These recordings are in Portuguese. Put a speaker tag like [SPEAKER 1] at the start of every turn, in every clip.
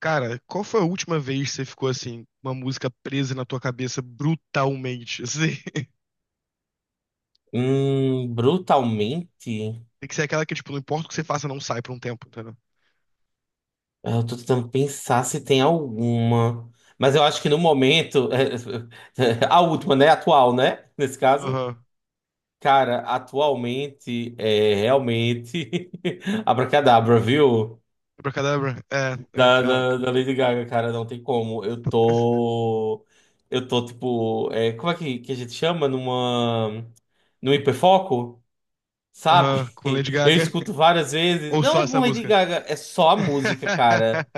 [SPEAKER 1] Cara, qual foi a última vez que você ficou assim, uma música presa na tua cabeça brutalmente? Assim,
[SPEAKER 2] Hum, brutalmente,
[SPEAKER 1] tem que ser aquela que, tipo, não importa o que você faça, não sai por um tempo, entendeu?
[SPEAKER 2] eu tô tentando pensar se tem alguma. Mas eu acho que no momento, a última, né? Atual, né? Nesse caso.
[SPEAKER 1] Aham.
[SPEAKER 2] Cara, atualmente é realmente Abracadabra, viu?
[SPEAKER 1] Abracadabra? É.
[SPEAKER 2] Da, da, da Lady Gaga, cara, não tem como. Eu tô. Eu tô tipo. É como é que, a gente chama? Numa. Num hiperfoco?
[SPEAKER 1] Aham,
[SPEAKER 2] Sabe?
[SPEAKER 1] com Lady
[SPEAKER 2] Eu
[SPEAKER 1] Gaga.
[SPEAKER 2] escuto várias vezes.
[SPEAKER 1] Ou só
[SPEAKER 2] Não, é
[SPEAKER 1] essa
[SPEAKER 2] com Lady
[SPEAKER 1] música?
[SPEAKER 2] Gaga, é só a música, cara.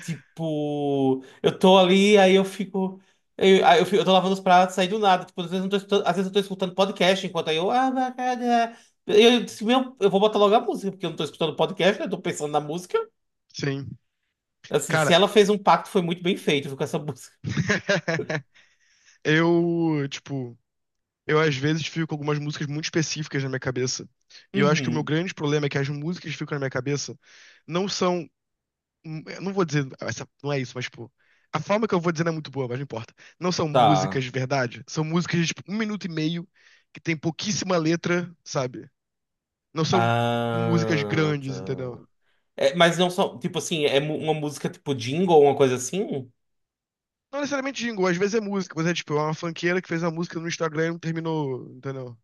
[SPEAKER 2] Tipo, eu tô ali, aí eu fico. Eu tô lavando os pratos, aí do nada. Tipo, às vezes eu tô escutando, às vezes eu tô escutando podcast enquanto aí eu. Ah, vai, cara, é. Eu, disse, meu, eu vou botar logo a música, porque eu não tô escutando podcast, né? Eu tô pensando na música.
[SPEAKER 1] Sim.
[SPEAKER 2] Assim, se
[SPEAKER 1] Cara,
[SPEAKER 2] ela fez um pacto, foi muito bem feito viu, com essa música.
[SPEAKER 1] tipo, eu às vezes fico com algumas músicas muito específicas na minha cabeça. E eu acho que o meu
[SPEAKER 2] Uhum.
[SPEAKER 1] grande problema é que as músicas que ficam na minha cabeça não são. Eu não vou dizer, essa, não é isso, mas tipo, a forma que eu vou dizer não é muito boa, mas não importa. Não são
[SPEAKER 2] Tá.
[SPEAKER 1] músicas de verdade, são músicas de tipo, 1 minuto e meio, que tem pouquíssima letra, sabe? Não são músicas
[SPEAKER 2] Ah, tá.
[SPEAKER 1] grandes, entendeu?
[SPEAKER 2] É, mas não só. Tipo assim, é mu- uma música tipo jingle ou uma coisa assim?
[SPEAKER 1] Não necessariamente jingle, às vezes é música, mas é tipo, é uma funkeira que fez uma música no Instagram e não terminou, entendeu?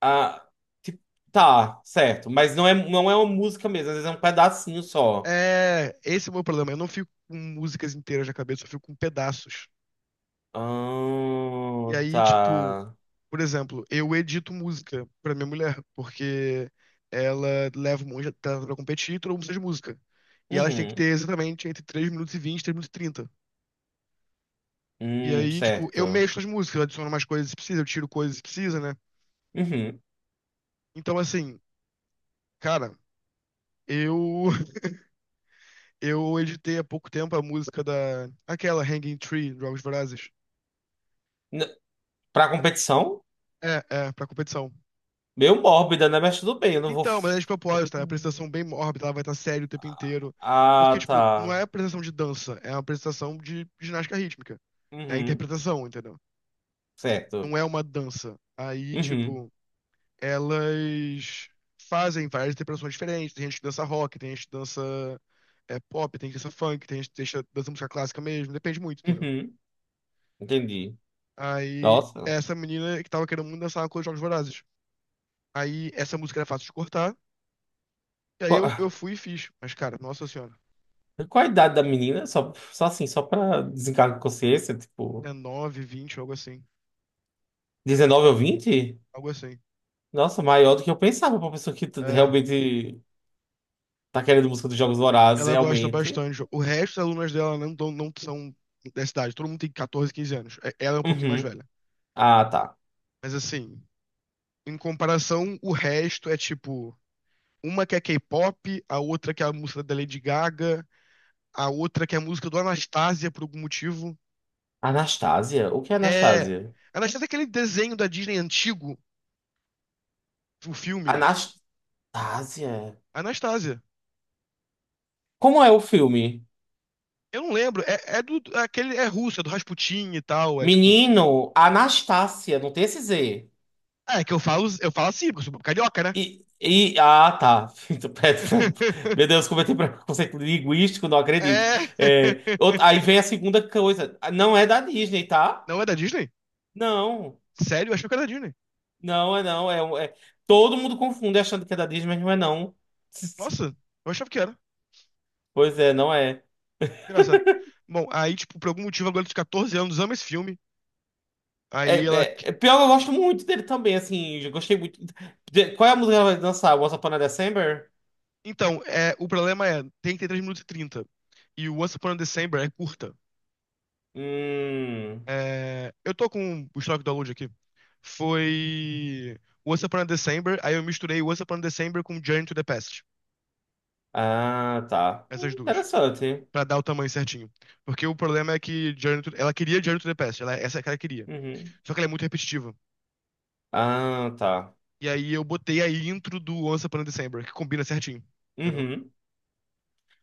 [SPEAKER 2] Ah, tipo, tá, certo. Mas não é, não é uma música mesmo, às vezes é um pedacinho só.
[SPEAKER 1] É, esse é o meu problema. Eu não fico com músicas inteiras na cabeça, eu fico com pedaços. E
[SPEAKER 2] Ah,
[SPEAKER 1] aí, tipo,
[SPEAKER 2] tá.
[SPEAKER 1] por exemplo, eu edito música pra minha mulher, porque ela leva um monte de talento pra competir e todo mundo precisa de música. E elas têm que ter
[SPEAKER 2] Uhum.
[SPEAKER 1] exatamente entre 3 minutos e 20 e 3 minutos e trinta. E aí, tipo, eu
[SPEAKER 2] Certo.
[SPEAKER 1] mexo as músicas, eu adiciono mais coisas se precisa, eu tiro coisas se precisa, né?
[SPEAKER 2] Uhum.
[SPEAKER 1] Então, assim, cara, eu eu editei há pouco tempo a música da. Aquela, Hanging Tree, Jogos Vorazes.
[SPEAKER 2] N- Pra competição?
[SPEAKER 1] É, pra competição.
[SPEAKER 2] Meio mórbida, né? Mas tudo bem, eu não vou.
[SPEAKER 1] Então, mas é de propósito, tá? É uma
[SPEAKER 2] Hum.
[SPEAKER 1] apresentação bem mórbida, ela vai estar séria o tempo inteiro. Porque,
[SPEAKER 2] Ah,
[SPEAKER 1] tipo, não é
[SPEAKER 2] tá.
[SPEAKER 1] apresentação de dança, é uma apresentação de ginástica rítmica. É a
[SPEAKER 2] Uhum.
[SPEAKER 1] interpretação, entendeu?
[SPEAKER 2] Certo.
[SPEAKER 1] Não é uma dança. Aí,
[SPEAKER 2] Uhum.
[SPEAKER 1] tipo, elas fazem várias interpretações diferentes. Tem gente que dança rock, tem gente que dança pop, tem gente que dança funk, tem gente que dança música clássica mesmo, depende muito, entendeu?
[SPEAKER 2] Uhum. Entendi.
[SPEAKER 1] Aí,
[SPEAKER 2] Nossa.
[SPEAKER 1] essa menina que tava querendo muito dançar uma coisa de Jogos Vorazes. Aí, essa música era fácil de cortar, e aí
[SPEAKER 2] Qual,
[SPEAKER 1] eu fui e fiz. Mas, cara, nossa senhora.
[SPEAKER 2] qual a idade da menina? Só, só assim, só pra desencargo de consciência, tipo,
[SPEAKER 1] É 9, 20, algo assim.
[SPEAKER 2] 19 ou 20.
[SPEAKER 1] Algo assim.
[SPEAKER 2] Nossa, maior do que eu pensava pra pessoa que t-
[SPEAKER 1] É,
[SPEAKER 2] realmente tá querendo música dos Jogos Vorazes,
[SPEAKER 1] ela gosta
[SPEAKER 2] realmente.
[SPEAKER 1] bastante. O resto das alunas dela não, não são dessa idade. Todo mundo tem 14, quinze anos. Ela é um pouquinho mais
[SPEAKER 2] Uhum.
[SPEAKER 1] velha.
[SPEAKER 2] Ah, tá.
[SPEAKER 1] Mas assim, em comparação, o resto é tipo. Uma que é K-pop, a outra que é a música da Lady Gaga, a outra que é a música do Anastasia por algum motivo.
[SPEAKER 2] Anastásia? O que é
[SPEAKER 1] É.
[SPEAKER 2] Anastásia?
[SPEAKER 1] Anastasia é aquele desenho da Disney antigo, o filme.
[SPEAKER 2] Anastásia?
[SPEAKER 1] Anastasia.
[SPEAKER 2] Como é o filme?
[SPEAKER 1] Eu não lembro. É, é do. É aquele é russo, é do Rasputin e tal. É tipo.
[SPEAKER 2] Menino, Anastácia, não tem esse Z.
[SPEAKER 1] É que eu falo assim, porque eu sou carioca, né?
[SPEAKER 2] E ah, tá. Então, pera- Meu Deus, cometi preconceito linguístico, não acredito.
[SPEAKER 1] É.
[SPEAKER 2] É, out- aí vem a segunda coisa. Ah, não é da Disney, tá?
[SPEAKER 1] Não é da Disney?
[SPEAKER 2] Não,
[SPEAKER 1] Sério, eu achava que era da Disney.
[SPEAKER 2] não é não. É, um- é- todo mundo confunde achando que é da Disney, mas não é não.
[SPEAKER 1] Nossa, eu achava que era.
[SPEAKER 2] Pois é, não é.
[SPEAKER 1] Engraçado. Bom, aí, tipo, por algum motivo, a garota de 14 anos ama esse filme.
[SPEAKER 2] É,
[SPEAKER 1] Aí ela.
[SPEAKER 2] é, é pior, eu gosto muito dele também, assim, eu gostei muito. De- qual é a música que ela vai dançar? Once Upon a December?
[SPEAKER 1] Então, é, o problema é, tem que ter 3 minutos e 30. E o Once Upon a December é curta.
[SPEAKER 2] Hum.
[SPEAKER 1] É, eu tô com o estoque do download aqui. Foi Once Upon a December, aí eu misturei Once Upon a December com Journey to the Past.
[SPEAKER 2] Ah, tá.
[SPEAKER 1] Essas duas.
[SPEAKER 2] Interessante.
[SPEAKER 1] Pra dar o tamanho certinho. Porque o problema é que ela queria Journey to the Past, ela, é, essa é que ela queria.
[SPEAKER 2] Uhum.
[SPEAKER 1] Só que ela é muito repetitiva.
[SPEAKER 2] Ah, tá.
[SPEAKER 1] E aí eu botei a intro do Once Upon a December, que combina certinho. Entendeu?
[SPEAKER 2] Uhum.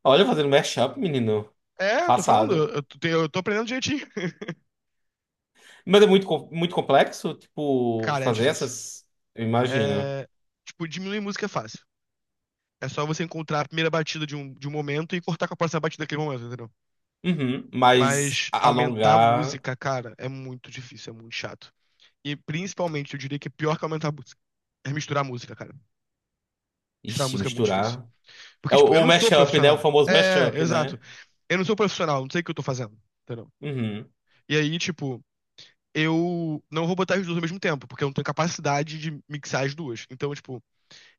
[SPEAKER 2] Olha, fazendo mashup, menino.
[SPEAKER 1] É, eu tô falando, eu,
[SPEAKER 2] Façado.
[SPEAKER 1] eu tô eu tô aprendendo direitinho.
[SPEAKER 2] Mas é muito, com- muito complexo, tipo,
[SPEAKER 1] Cara, é
[SPEAKER 2] fazer
[SPEAKER 1] difícil.
[SPEAKER 2] essas. Eu imagino.
[SPEAKER 1] É, tipo, diminuir música é fácil. É só você encontrar a primeira batida de um momento e cortar com a próxima batida daquele momento, entendeu?
[SPEAKER 2] Uhum. Mas
[SPEAKER 1] Mas
[SPEAKER 2] a-
[SPEAKER 1] aumentar a
[SPEAKER 2] alongar.
[SPEAKER 1] música, cara, é muito difícil, é muito chato. E principalmente, eu diria que é pior que aumentar a música é misturar a música, cara. Misturar a
[SPEAKER 2] Ixi,
[SPEAKER 1] música é muito difícil.
[SPEAKER 2] misturar.
[SPEAKER 1] Porque,
[SPEAKER 2] É
[SPEAKER 1] tipo, eu
[SPEAKER 2] o
[SPEAKER 1] não sou
[SPEAKER 2] mashup, né? O
[SPEAKER 1] profissional.
[SPEAKER 2] famoso
[SPEAKER 1] É,
[SPEAKER 2] mashup,
[SPEAKER 1] exato.
[SPEAKER 2] né?
[SPEAKER 1] Eu não sou profissional, não sei o que eu tô fazendo. Entendeu?
[SPEAKER 2] Uhum.
[SPEAKER 1] E aí, tipo, eu não vou botar as duas ao mesmo tempo, porque eu não tenho capacidade de mixar as duas. Então, tipo,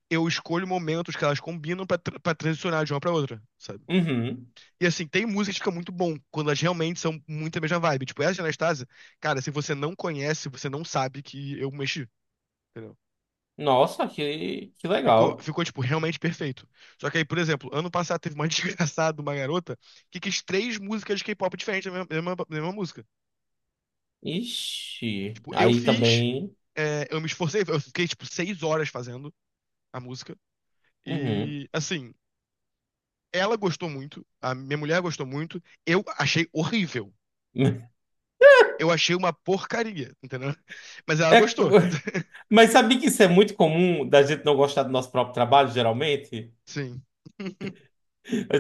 [SPEAKER 1] eu escolho momentos que elas combinam pra transicionar de uma pra outra, sabe?
[SPEAKER 2] Uhum.
[SPEAKER 1] E assim, tem música que fica muito bom, quando elas realmente são muito a mesma vibe. Tipo, essa de Anastasia, cara, se você não conhece, você não sabe que eu mexi. Entendeu?
[SPEAKER 2] Nossa, que
[SPEAKER 1] Ficou,
[SPEAKER 2] legal.
[SPEAKER 1] ficou, tipo, realmente perfeito. Só que aí, por exemplo, ano passado teve uma desgraçada, de uma garota, que quis três músicas de K-pop diferentes da mesma música.
[SPEAKER 2] Ixi.
[SPEAKER 1] Tipo, eu
[SPEAKER 2] Aí
[SPEAKER 1] fiz,
[SPEAKER 2] também.
[SPEAKER 1] eu me esforcei, eu fiquei, tipo, 6 horas fazendo a música.
[SPEAKER 2] Uhum.
[SPEAKER 1] E, assim, ela gostou muito, a minha mulher gostou muito, eu achei horrível. Eu achei uma porcaria, entendeu? Mas ela
[SPEAKER 2] É,
[SPEAKER 1] gostou.
[SPEAKER 2] mas sabia que isso é muito comum da gente não gostar do nosso próprio trabalho, geralmente?
[SPEAKER 1] Sim.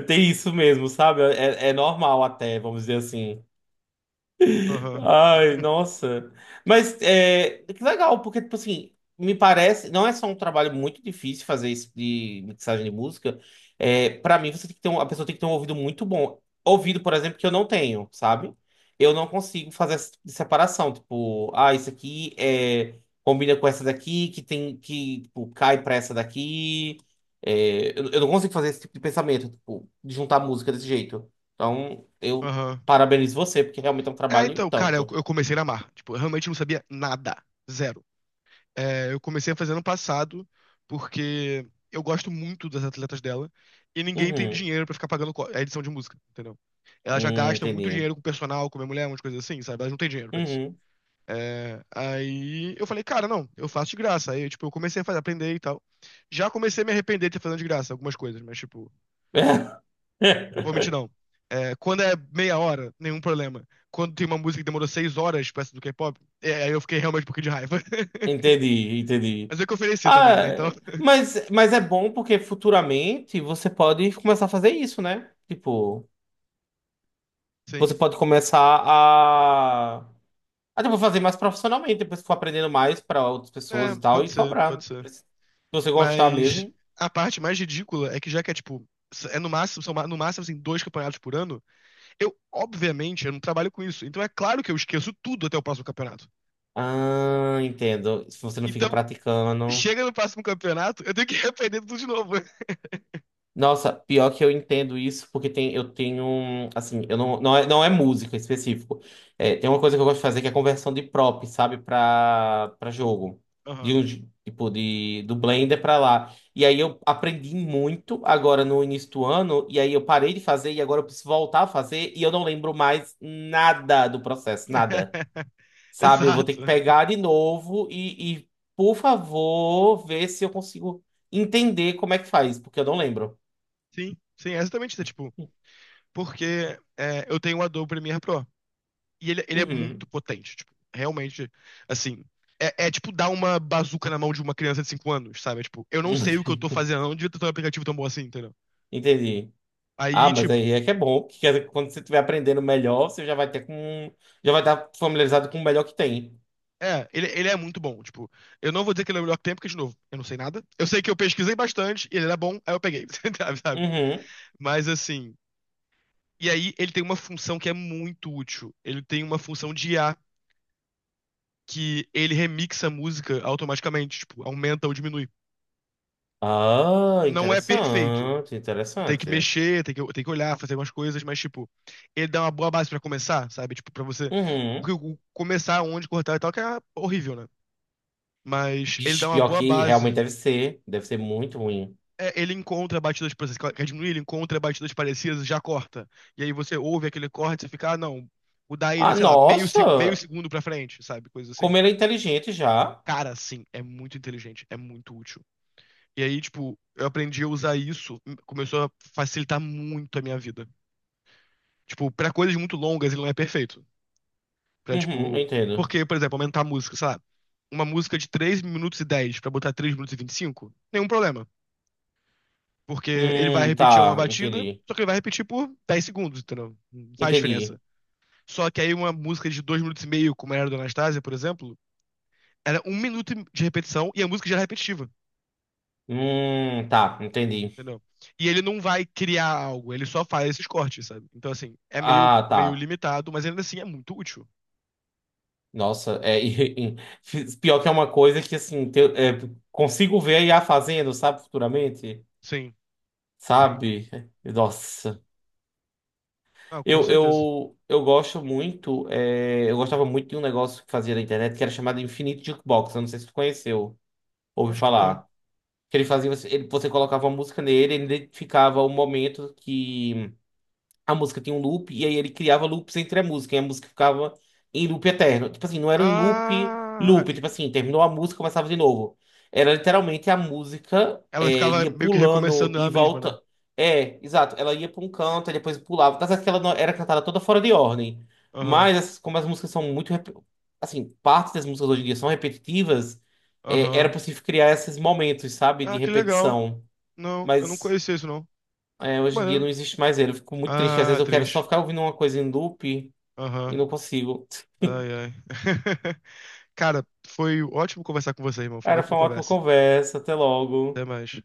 [SPEAKER 2] Tem isso mesmo, sabe? É, é normal até, vamos dizer assim.
[SPEAKER 1] Aham.
[SPEAKER 2] Ai, nossa. Mas é, que legal, porque, tipo assim, me parece, não é só um trabalho muito difícil fazer isso de mixagem de música. É, para mim, você tem que ter um, a pessoa tem que ter um ouvido muito bom. Ouvido, por exemplo, que eu não tenho, sabe? Eu não consigo fazer essa separação. Tipo, ah, isso aqui é, combina com essa daqui, que tem que, tipo, cai pra essa daqui. Eu não consigo fazer esse tipo de pensamento, tipo, de juntar música desse jeito. Então, eu
[SPEAKER 1] Aham.
[SPEAKER 2] parabenizo você, porque realmente é um
[SPEAKER 1] É,
[SPEAKER 2] trabalho e o
[SPEAKER 1] então, cara, eu,
[SPEAKER 2] tanto.
[SPEAKER 1] eu comecei a amar. Tipo, eu realmente não sabia nada. Zero. É, eu comecei a fazer ano passado, porque eu gosto muito das atletas dela, e ninguém tem
[SPEAKER 2] Uhum.
[SPEAKER 1] dinheiro pra ficar pagando a edição de música, entendeu? Elas já gastam muito
[SPEAKER 2] Entendi.
[SPEAKER 1] dinheiro com personal, com minha mulher, umas coisas assim, sabe? Elas não têm dinheiro pra isso.
[SPEAKER 2] Uhum.
[SPEAKER 1] É, aí eu falei, cara, não, eu faço de graça. Aí, tipo, eu comecei a fazer, aprender e tal. Já comecei a me arrepender de ter fazendo de graça algumas coisas, mas, tipo, vou mentir, não. É, quando é meia hora, nenhum problema. Quando tem uma música que demorou 6 horas, peça do K-pop, aí eu fiquei realmente um pouquinho de raiva.
[SPEAKER 2] Entendi, entendi.
[SPEAKER 1] Mas é que eu ofereci também, né? Então,
[SPEAKER 2] Ah, mas é bom porque futuramente você pode começar a fazer isso, né? Tipo, você
[SPEAKER 1] sim.
[SPEAKER 2] pode começar a, a tipo, fazer mais profissionalmente, depois for aprendendo mais para outras pessoas
[SPEAKER 1] É,
[SPEAKER 2] e tal,
[SPEAKER 1] pode
[SPEAKER 2] e
[SPEAKER 1] ser, pode
[SPEAKER 2] cobrar.
[SPEAKER 1] ser.
[SPEAKER 2] Se você gostar
[SPEAKER 1] Mas
[SPEAKER 2] mesmo.
[SPEAKER 1] a parte mais ridícula é que já que é tipo, é no máximo, no máximo assim, dois campeonatos por ano, eu, obviamente, eu não trabalho com isso. Então é claro que eu esqueço tudo até o próximo campeonato.
[SPEAKER 2] Ah, entendo. Se você não fica
[SPEAKER 1] Então,
[SPEAKER 2] praticando.
[SPEAKER 1] chega no próximo campeonato, eu tenho que aprender tudo de novo.
[SPEAKER 2] Nossa, pior que eu entendo isso, porque tem, eu tenho, um- assim, eu não, não é, não é música em específico. É, tem uma coisa que eu gosto de fazer que é conversão de prop, sabe, pra jogo. De
[SPEAKER 1] Aham.
[SPEAKER 2] um, j- tipo, de, do Blender pra lá. E aí eu aprendi muito agora no início do ano, e aí eu parei de fazer, e agora eu preciso voltar a fazer, e eu não lembro mais nada do processo, nada. Sabe, eu vou ter que
[SPEAKER 1] Exato.
[SPEAKER 2] pegar de novo e por favor, ver se eu consigo entender como é que faz, porque eu não lembro.
[SPEAKER 1] Sim, sim, é exatamente isso. É, tipo, porque eu tenho o Adobe Premiere Pro. E ele é muito
[SPEAKER 2] Uhum.
[SPEAKER 1] potente, tipo, realmente, assim. É, tipo dar uma bazuca na mão de uma criança de 5 anos, sabe? É, tipo, eu não sei o que eu tô fazendo, eu não devia ter um aplicativo tão bom assim, entendeu?
[SPEAKER 2] Entendi. Ah,
[SPEAKER 1] Aí,
[SPEAKER 2] mas
[SPEAKER 1] tipo,
[SPEAKER 2] aí é que é bom, que quer dizer que quando você estiver aprendendo melhor, você já vai ter com, já vai estar familiarizado com o melhor que tem.
[SPEAKER 1] ele é muito bom. Tipo, eu não vou dizer que ele é o melhor que tem, porque, de novo, eu não sei nada. Eu sei que eu pesquisei bastante, e ele era bom, aí eu peguei, sabe?
[SPEAKER 2] Uhum.
[SPEAKER 1] Mas assim. E aí, ele tem uma função que é muito útil. Ele tem uma função de IA que ele remixa a música automaticamente, tipo, aumenta ou diminui.
[SPEAKER 2] Ah,
[SPEAKER 1] Não é perfeito.
[SPEAKER 2] interessante,
[SPEAKER 1] Tem que
[SPEAKER 2] interessante.
[SPEAKER 1] mexer, tem que olhar, fazer algumas coisas, mas, tipo, ele dá uma boa base pra começar, sabe? Tipo, pra você. Porque
[SPEAKER 2] Uhum.
[SPEAKER 1] começar onde cortar e tal, que é horrível, né? Mas ele
[SPEAKER 2] Bicho,
[SPEAKER 1] dá uma
[SPEAKER 2] pior
[SPEAKER 1] boa
[SPEAKER 2] que realmente
[SPEAKER 1] base.
[SPEAKER 2] deve ser muito ruim.
[SPEAKER 1] É, ele encontra batidas, por exemplo, quer diminuir, ele encontra batidas parecidas e já corta. E aí você ouve aquele corte e você fica, ah, não, mudar ele,
[SPEAKER 2] Ah,
[SPEAKER 1] sei lá, meio, meio
[SPEAKER 2] nossa,
[SPEAKER 1] segundo pra frente, sabe? Coisa assim.
[SPEAKER 2] como ele é inteligente já.
[SPEAKER 1] Cara, sim, é muito inteligente, é muito útil. E aí, tipo, eu aprendi a usar isso, começou a facilitar muito a minha vida. Tipo, pra coisas muito longas ele não é perfeito. Pra,
[SPEAKER 2] Uhum, eu
[SPEAKER 1] tipo.
[SPEAKER 2] entendo.
[SPEAKER 1] Porque, por exemplo, aumentar a música, sei lá, uma música de 3 minutos e 10 pra botar 3 minutos e 25 nenhum problema. Porque ele vai repetir uma
[SPEAKER 2] Tá,
[SPEAKER 1] batida,
[SPEAKER 2] entendi.
[SPEAKER 1] só que ele vai repetir por 10 segundos, entendeu? Não faz
[SPEAKER 2] Entendi.
[SPEAKER 1] diferença. Só que aí uma música de 2 minutos e meio, como era do Anastasia, por exemplo, era um minuto de repetição e a música já era repetitiva,
[SPEAKER 2] Tá, entendi.
[SPEAKER 1] entendeu? E ele não vai criar algo, ele só faz esses cortes, sabe? Então, assim, é meio,
[SPEAKER 2] Ah,
[SPEAKER 1] meio
[SPEAKER 2] tá.
[SPEAKER 1] limitado, mas ainda assim é muito útil.
[SPEAKER 2] Nossa, é e- pior que é uma coisa que assim te- é, consigo ver a IA fazendo, sabe, futuramente,
[SPEAKER 1] Sim, sim.
[SPEAKER 2] sabe? Nossa,
[SPEAKER 1] Ah, com certeza.
[SPEAKER 2] eu gosto muito, é, eu gostava muito de um negócio que fazia na internet que era chamado Infinite Jukebox, eu não sei se tu conheceu, ouvi
[SPEAKER 1] Acho que não.
[SPEAKER 2] falar. Que ele fazia, você- ele, você colocava uma música nele, ele identificava o momento que a música tinha um loop, e aí ele criava loops entre a música, e a música ficava em loop eterno. Tipo assim, não era um loop,
[SPEAKER 1] Ah,
[SPEAKER 2] loop, tipo assim, terminou a música, começava de novo. Era literalmente a música
[SPEAKER 1] ela
[SPEAKER 2] é,
[SPEAKER 1] ficava
[SPEAKER 2] ia
[SPEAKER 1] meio que
[SPEAKER 2] pulando
[SPEAKER 1] recomeçando
[SPEAKER 2] e
[SPEAKER 1] ela mesma, né?
[SPEAKER 2] volta. É, exato, ela ia para um canto, e depois pulava. Tá certo que ela não- era cantada toda fora de ordem.
[SPEAKER 1] Aham,
[SPEAKER 2] Mas essas- como as músicas são muito. Rep- Assim, parte das músicas hoje em dia são repetitivas, é,
[SPEAKER 1] aham.
[SPEAKER 2] era possível criar esses momentos, sabe, de
[SPEAKER 1] Ah, que legal.
[SPEAKER 2] repetição.
[SPEAKER 1] Não, eu não
[SPEAKER 2] Mas.
[SPEAKER 1] conhecia isso, não.
[SPEAKER 2] É,
[SPEAKER 1] Que
[SPEAKER 2] hoje em dia
[SPEAKER 1] maneiro.
[SPEAKER 2] não existe mais ele. Eu fico muito triste. Às
[SPEAKER 1] Ah,
[SPEAKER 2] vezes eu quero só
[SPEAKER 1] atriz.
[SPEAKER 2] ficar ouvindo uma coisa em loop e
[SPEAKER 1] Aham.
[SPEAKER 2] não consigo.
[SPEAKER 1] Ai, ai. Cara, foi ótimo conversar com você, irmão. Foi uma
[SPEAKER 2] Cara,
[SPEAKER 1] ótima
[SPEAKER 2] foi uma ótima
[SPEAKER 1] conversa.
[SPEAKER 2] conversa. Até
[SPEAKER 1] Até
[SPEAKER 2] logo.
[SPEAKER 1] mais.